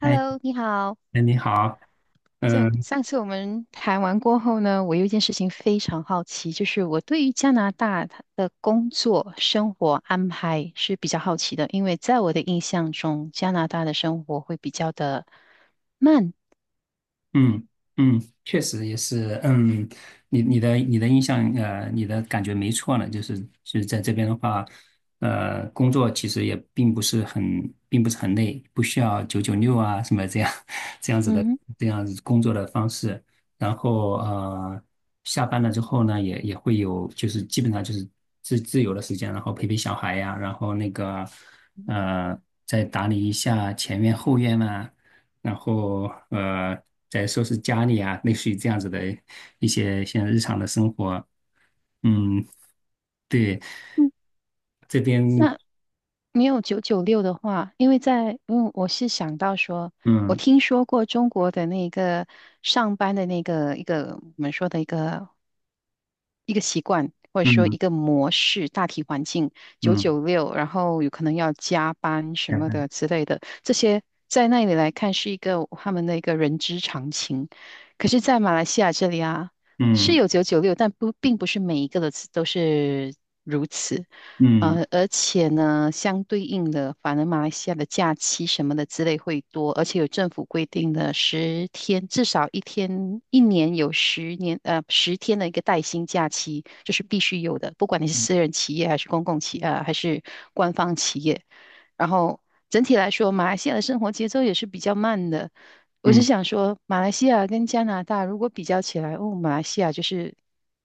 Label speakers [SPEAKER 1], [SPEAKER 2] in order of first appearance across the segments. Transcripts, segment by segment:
[SPEAKER 1] 哎，
[SPEAKER 2] Hello，你好。
[SPEAKER 1] 哎，你好。
[SPEAKER 2] 这
[SPEAKER 1] 嗯
[SPEAKER 2] 上次我们谈完过后呢，我有一件事情非常好奇，就是我对于加拿大它的工作生活安排是比较好奇的，因为在我的印象中，加拿大的生活会比较的慢。
[SPEAKER 1] 嗯嗯，确实也是，嗯，你的印象，你的感觉没错呢，就是在这边的话，工作其实也并不是很并不是很累，不需要九九六啊什么这样 这样子的
[SPEAKER 2] 嗯
[SPEAKER 1] 这样子工作的方式，然后下班了之后呢，也会有就是基本上就是自由的时间，然后陪陪小孩呀，然后那个呃，再打理一下前院后院啊。然后呃，再收拾家里啊，类似于这样子的一些像日常的生活。嗯，对，
[SPEAKER 2] 嗯，
[SPEAKER 1] 这边
[SPEAKER 2] 那没有九九六的话，因为我是想到说，我
[SPEAKER 1] 嗯
[SPEAKER 2] 听说过中国的那个上班的那个我们说的一个习惯或者说
[SPEAKER 1] 嗯
[SPEAKER 2] 一个模式，大体环境九
[SPEAKER 1] 嗯，
[SPEAKER 2] 九六，然后有可能要加班什
[SPEAKER 1] 加
[SPEAKER 2] 么
[SPEAKER 1] 班，
[SPEAKER 2] 的之类的，这些在那里来看是一个他们的一个人之常情。可是，在马来西亚这里啊，是
[SPEAKER 1] 嗯
[SPEAKER 2] 有九九六，但不并不是每一个的都是如此。
[SPEAKER 1] 嗯
[SPEAKER 2] 而且呢，相对应的，反而马来西亚的假期什么的之类会多，而且有政府规定的十天，至少一天，一年有10年，十天的一个带薪假期，这是必须有的，不管你是私人企业还是官方企业。然后整体来说，马来西亚的生活节奏也是比较慢的。我是
[SPEAKER 1] 嗯，
[SPEAKER 2] 想说，马来西亚跟加拿大如果比较起来，哦，马来西亚就是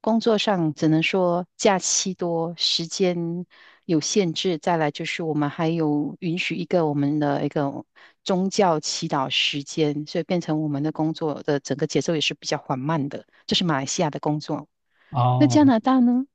[SPEAKER 2] 工作上只能说假期多，时间有限制。再来就是我们还有允许我们的一个宗教祈祷时间，所以变成我们的工作的整个节奏也是比较缓慢的。这是马来西亚的工作。那加
[SPEAKER 1] 哦。
[SPEAKER 2] 拿大呢？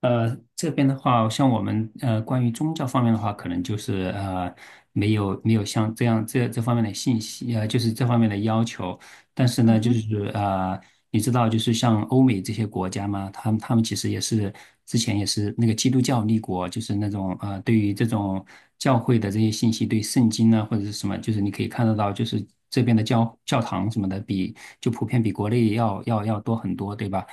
[SPEAKER 1] 这边的话，像我们关于宗教方面的话，可能就是没有没有像这样这方面的信息，就是这方面的要求。但是呢，
[SPEAKER 2] 嗯
[SPEAKER 1] 就
[SPEAKER 2] 哼，
[SPEAKER 1] 是你知道，就是像欧美这些国家嘛，他们其实也是之前也是那个基督教立国，就是那种对于这种教会的这些信息，对圣经呢或者是什么，就是你可以看得到，就是这边的教教堂什么的比就普遍比国内要多很多，对吧？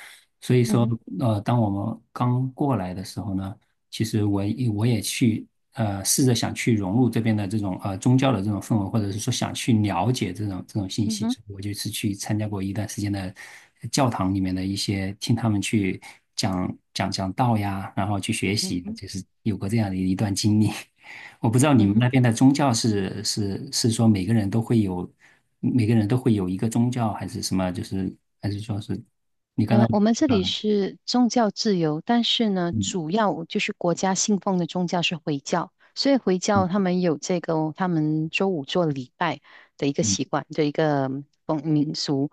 [SPEAKER 1] 所以
[SPEAKER 2] 嗯
[SPEAKER 1] 说，
[SPEAKER 2] 哼，
[SPEAKER 1] 当我们刚过来的时候呢，其实我也去试着想去融入这边的这种宗教的这种氛围，或者是说想去了解这种这种信
[SPEAKER 2] 嗯
[SPEAKER 1] 息，
[SPEAKER 2] 哼，
[SPEAKER 1] 所以我就是去参加过一段时间的教堂里面的一些听他们去讲道呀，然后去学
[SPEAKER 2] 嗯
[SPEAKER 1] 习，
[SPEAKER 2] 哼，
[SPEAKER 1] 就是有过这样的一段经历。我不知道你
[SPEAKER 2] 嗯
[SPEAKER 1] 们
[SPEAKER 2] 哼。
[SPEAKER 1] 那边的宗教是说每个人都会有每个人都会有一个宗教，还是什么？就是还是说是。
[SPEAKER 2] 嗯，我们这里是宗教自由，但是呢，
[SPEAKER 1] 嗯
[SPEAKER 2] 主要就是国家信奉的宗教是回教，所以回教他
[SPEAKER 1] 嗯
[SPEAKER 2] 们有这个他们周五做礼拜的一个
[SPEAKER 1] 嗯
[SPEAKER 2] 习惯的一个风民俗。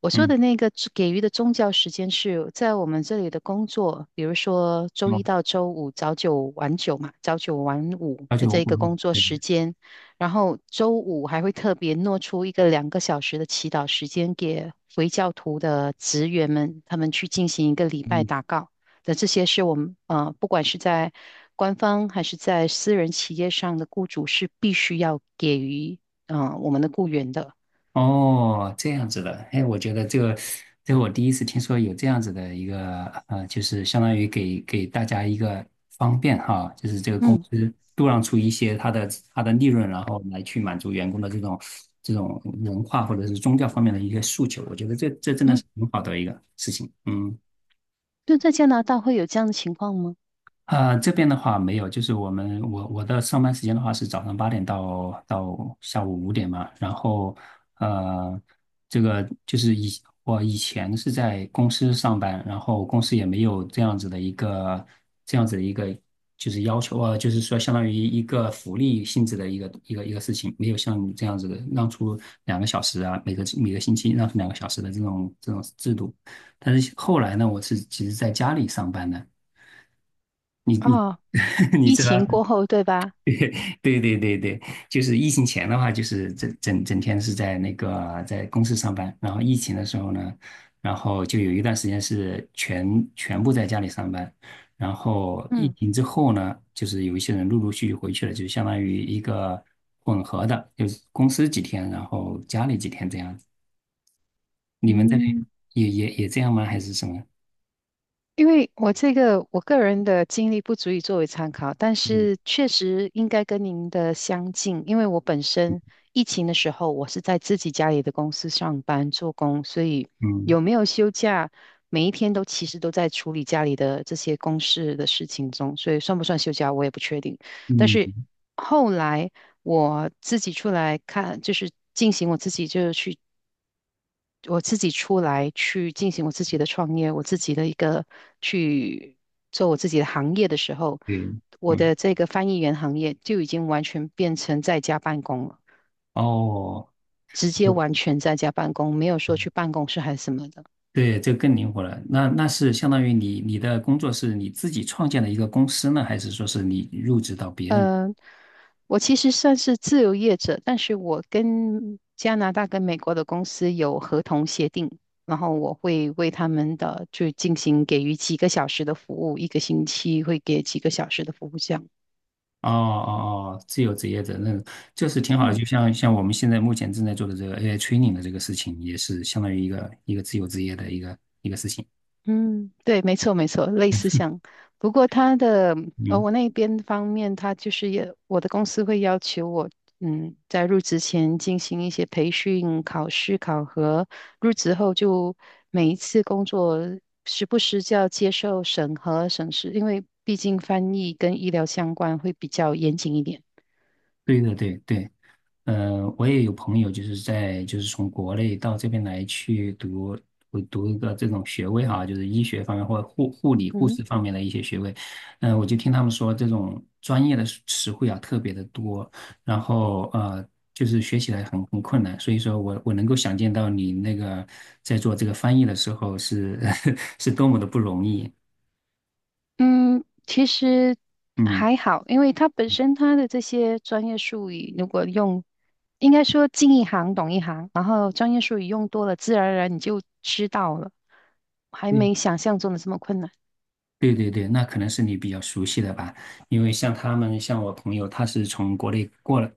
[SPEAKER 2] 我说
[SPEAKER 1] 嗯，
[SPEAKER 2] 的那个给予的宗教时间是在我们这里的工作，比如说周
[SPEAKER 1] 哦，
[SPEAKER 2] 一到周五早九晚九嘛，早九晚五
[SPEAKER 1] 而且
[SPEAKER 2] 的
[SPEAKER 1] 我
[SPEAKER 2] 这个
[SPEAKER 1] 嗯
[SPEAKER 2] 工作
[SPEAKER 1] 对，
[SPEAKER 2] 时间。然后周五还会特别挪出一个2个小时的祈祷时间给回教徒的职员们，他们去进行一个礼拜
[SPEAKER 1] 嗯
[SPEAKER 2] 祷告。的这些是我们不管是在官方还是在私人企业上的雇主是必须要给予我们的雇员的。
[SPEAKER 1] 哦，这样子的，哎，我觉得这个，这个我第一次听说有这样子的一个，就是相当于给给大家一个方便哈，就是这个公
[SPEAKER 2] 嗯
[SPEAKER 1] 司度让出一些它的它的利润，然后来去满足员工的这种这种文化或者是宗教方面的一些诉求，我觉得这这真的
[SPEAKER 2] 嗯，
[SPEAKER 1] 是很好的一个事情，嗯。
[SPEAKER 2] 就在加拿大会有这样的情况吗？
[SPEAKER 1] 这边的话没有，就是我们我的上班时间的话是早上八点到到下午五点嘛，然后呃，这个就是以我以前是在公司上班，然后公司也没有这样子的一个这样子的一个就是要求啊，就是说相当于一个福利性质的一个事情，没有像你这样子的让出两个小时啊，每个每个星期让出两个小时的这种这种制度，但是后来呢，我是其实在家里上班的。你
[SPEAKER 2] 啊、
[SPEAKER 1] 你
[SPEAKER 2] 疫
[SPEAKER 1] 知道，
[SPEAKER 2] 情过后对吧？
[SPEAKER 1] 对对，就是疫情前的话，就是整整天是在那个在公司上班，然后疫情的时候呢，然后就有一段时间是全部在家里上班，然后疫
[SPEAKER 2] 嗯
[SPEAKER 1] 情之后呢，就是有一些人陆陆续续回去了，就相当于一个混合的，就是公司几天，然后家里几天这样子。你们这边
[SPEAKER 2] 嗯。
[SPEAKER 1] 也这样吗？还是什么？
[SPEAKER 2] 因为我这个我个人的经历不足以作为参考，但
[SPEAKER 1] 嗯
[SPEAKER 2] 是确实应该跟您的相近，因为我本身疫情的时候，我是在自己家里的公司上班做工，所以
[SPEAKER 1] 嗯
[SPEAKER 2] 有没有休假，每一天都其实都在处理家里的这些公事的事情中，所以算不算休假我也不确定。但是
[SPEAKER 1] 嗯，
[SPEAKER 2] 后来我自己出来看，就是进行我自己就是去我自己出来去进行我自己的创业，我自己的一个去做我自己的行业的时候，
[SPEAKER 1] 对，
[SPEAKER 2] 我
[SPEAKER 1] 嗯
[SPEAKER 2] 的这个翻译员行业就已经完全变成在家办公了，
[SPEAKER 1] 哦。
[SPEAKER 2] 直接 完全在家办公，没有说去办公室还是什么的。
[SPEAKER 1] 对，这个更灵活了。那那是相当于你的工作是你自己创建的一个公司呢，还是说是你入职到别人？
[SPEAKER 2] 呃，我其实算是自由业者，但是我跟加拿大跟美国的公司有合同协定。然后我会为他们的就进行给予几个小时的服务，一个星期会给几个小时的服务这样。
[SPEAKER 1] 哦哦哦，自由职业者，那这是挺好的。
[SPEAKER 2] 嗯
[SPEAKER 1] 就像像我们现在目前正在做的这个 AI training 的这个事情，也是相当于一个自由职业的一个，
[SPEAKER 2] 嗯，对，没错，没错，类似像，不过他的呃，
[SPEAKER 1] 嗯，
[SPEAKER 2] 我那边方面，他就是也，我的公司会要求我，嗯，在入职前进行一些培训、考试、考核，入职后就每一次工作时不时就要接受审核、审视，因为毕竟翻译跟医疗相关，会比较严谨一点。
[SPEAKER 1] 对对对对。我也有朋友就是在就是从国内到这边来去读我读一个这种学位哈，就是医学方面或者护护理护
[SPEAKER 2] 嗯
[SPEAKER 1] 士方面的一些学位。嗯、我就听他们说这种专业的词汇啊特别的多，然后就是学起来很很困难。所以说我能够想见到你那个在做这个翻译的时候是 是多么的不容易。
[SPEAKER 2] 嗯，其实
[SPEAKER 1] 嗯。
[SPEAKER 2] 还好，因为它本身它的这些专业术语，如果用，应该说进一行懂一行，然后专业术语用多了，自然而然你就知道了，还
[SPEAKER 1] 对。
[SPEAKER 2] 没想象中的这么困难。
[SPEAKER 1] 对对对，那可能是你比较熟悉的吧，因为像他们，像我朋友，他是从国内过来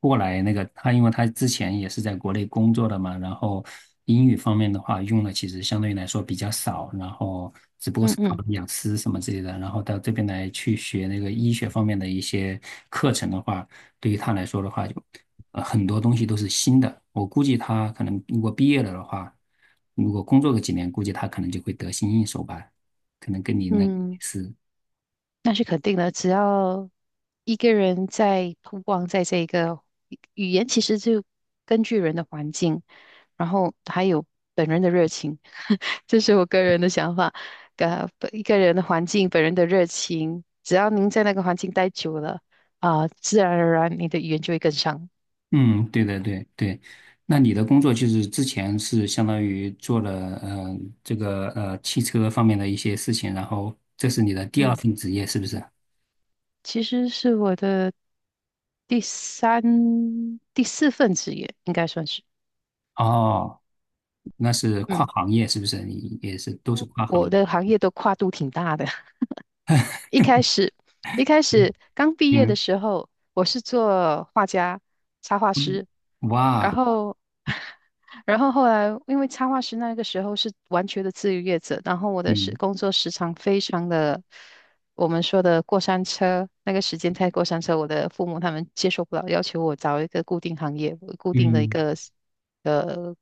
[SPEAKER 1] 过来那个，他因为他之前也是在国内工作的嘛，然后英语方面的话用的其实相对来说比较少，然后只不过
[SPEAKER 2] 嗯
[SPEAKER 1] 是考
[SPEAKER 2] 嗯
[SPEAKER 1] 了雅思什么之类的，然后到这边来去学那个医学方面的一些课程的话，对于他来说的话，就很多东西都是新的，我估计他可能如果毕业了的话，如果工作个几年，估计他可能就会得心应手吧。可能跟你那类
[SPEAKER 2] 嗯。
[SPEAKER 1] 似，
[SPEAKER 2] 那是肯定的，只要一个人在通光在这个语言，其实就根据人的环境，然后还有本人的热情，这是我个人的想法。一个人的环境，本人的热情，只要您在那个环境待久了，啊、自然而然你的语言就会跟上。
[SPEAKER 1] 嗯，对的，对对。那你的工作就是之前是相当于做了这个汽车方面的一些事情，然后这是你的第二
[SPEAKER 2] 嗯，
[SPEAKER 1] 份职业，是不是？
[SPEAKER 2] 其实是我的第三、第四份职业，应该算是。
[SPEAKER 1] 哦，那是跨
[SPEAKER 2] 嗯，
[SPEAKER 1] 行业，是不是？你也是都是跨行
[SPEAKER 2] 我
[SPEAKER 1] 业。
[SPEAKER 2] 的行业都跨度挺大的。一开始，一开
[SPEAKER 1] 嗯
[SPEAKER 2] 始刚毕业的
[SPEAKER 1] 嗯
[SPEAKER 2] 时候，我是做画家、插画
[SPEAKER 1] 嗯，
[SPEAKER 2] 师，然
[SPEAKER 1] 哇，
[SPEAKER 2] 后，然后后来因为插画师那个时候是完全的自由业者，然后我的
[SPEAKER 1] 嗯
[SPEAKER 2] 工作时长非常的，我们说的过山车，那个时间太过山车，我的父母他们接受不了，要求我找一个固定行业、固定的一
[SPEAKER 1] 嗯，
[SPEAKER 2] 个呃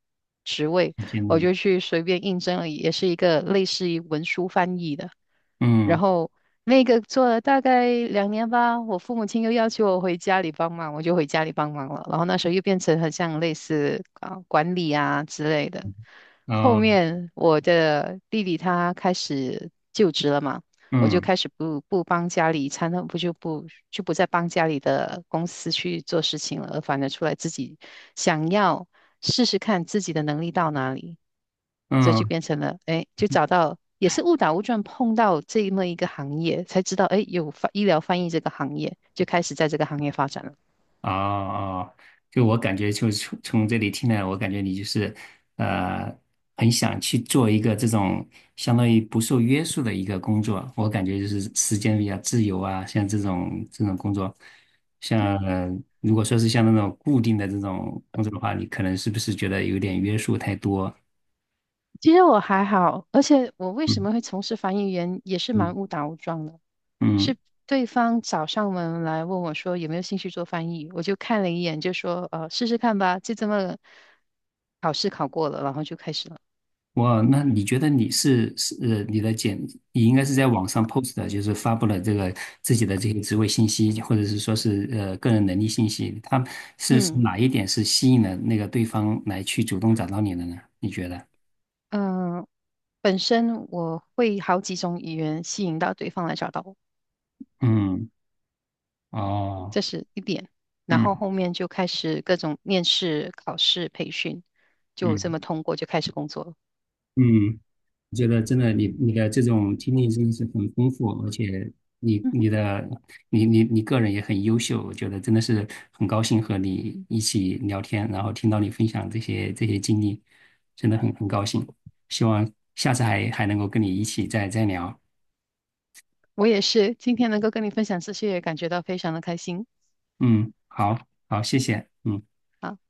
[SPEAKER 2] 职位，
[SPEAKER 1] 时间
[SPEAKER 2] 我
[SPEAKER 1] 的，
[SPEAKER 2] 就去随便应征了，也是一个类似于文书翻译的。然
[SPEAKER 1] 嗯
[SPEAKER 2] 后那个做了大概2年吧，我父母亲又要求我回家里帮忙，我就回家里帮忙了。然后那时候又变成很像类似啊管理啊之类的。后
[SPEAKER 1] 哦
[SPEAKER 2] 面我的弟弟他开始就职了嘛，我就
[SPEAKER 1] 嗯
[SPEAKER 2] 开始不不帮家里参，不就不就不再帮家里的公司去做事情了，而反而出来自己想要试试看自己的能力到哪里。这就
[SPEAKER 1] 嗯。
[SPEAKER 2] 变成了，哎，就找到也是误打误撞碰到这么一个行业，才知道，哎，医疗翻译这个行业，就开始在这个行业发展了。
[SPEAKER 1] 哦哦，就我感觉，就是从从这里听来，我感觉你就是，呃，很想去做一个这种相当于不受约束的一个工作。我感觉就是时间比较自由啊，像这种这种工作，像如果说是像那种固定的这种工作的话，你可能是不是觉得有点约束太多？
[SPEAKER 2] 其实我还好，而且我为什
[SPEAKER 1] 嗯
[SPEAKER 2] 么会从事翻译员，也是蛮误打误撞的，
[SPEAKER 1] 嗯。
[SPEAKER 2] 是对方找上门来问我说有没有兴趣做翻译，我就看了一眼，就说，试试看吧，就这么考试考过了，然后就开始了。
[SPEAKER 1] 哇，那你觉得你是你的简，你应该是在网上 post 的，就是发布了这个自己的这些职位信息，或者是说是个人能力信息，他是
[SPEAKER 2] 嗯
[SPEAKER 1] 哪一点是吸引了那个对方来去主动找到你的呢？你觉得？
[SPEAKER 2] 嗯、呃本身我会好几种语言吸引到对方来找到我。
[SPEAKER 1] 嗯，哦，
[SPEAKER 2] 这是一点。然后
[SPEAKER 1] 嗯
[SPEAKER 2] 后面就开始各种面试、考试、培训，就这
[SPEAKER 1] 嗯
[SPEAKER 2] 么通过就开始工作了。
[SPEAKER 1] 嗯。我觉得真的你的这种经历真的是很丰富，而且你
[SPEAKER 2] 嗯哼，
[SPEAKER 1] 你的你个人也很优秀，我觉得真的是很高兴和你一起聊天，然后听到你分享这些这些经历，真的很高兴。希望下次还能够跟你一起再聊。
[SPEAKER 2] 我也是，今天能够跟你分享这些，也感觉到非常的开心。
[SPEAKER 1] 嗯，好好，谢谢。嗯。
[SPEAKER 2] 啊。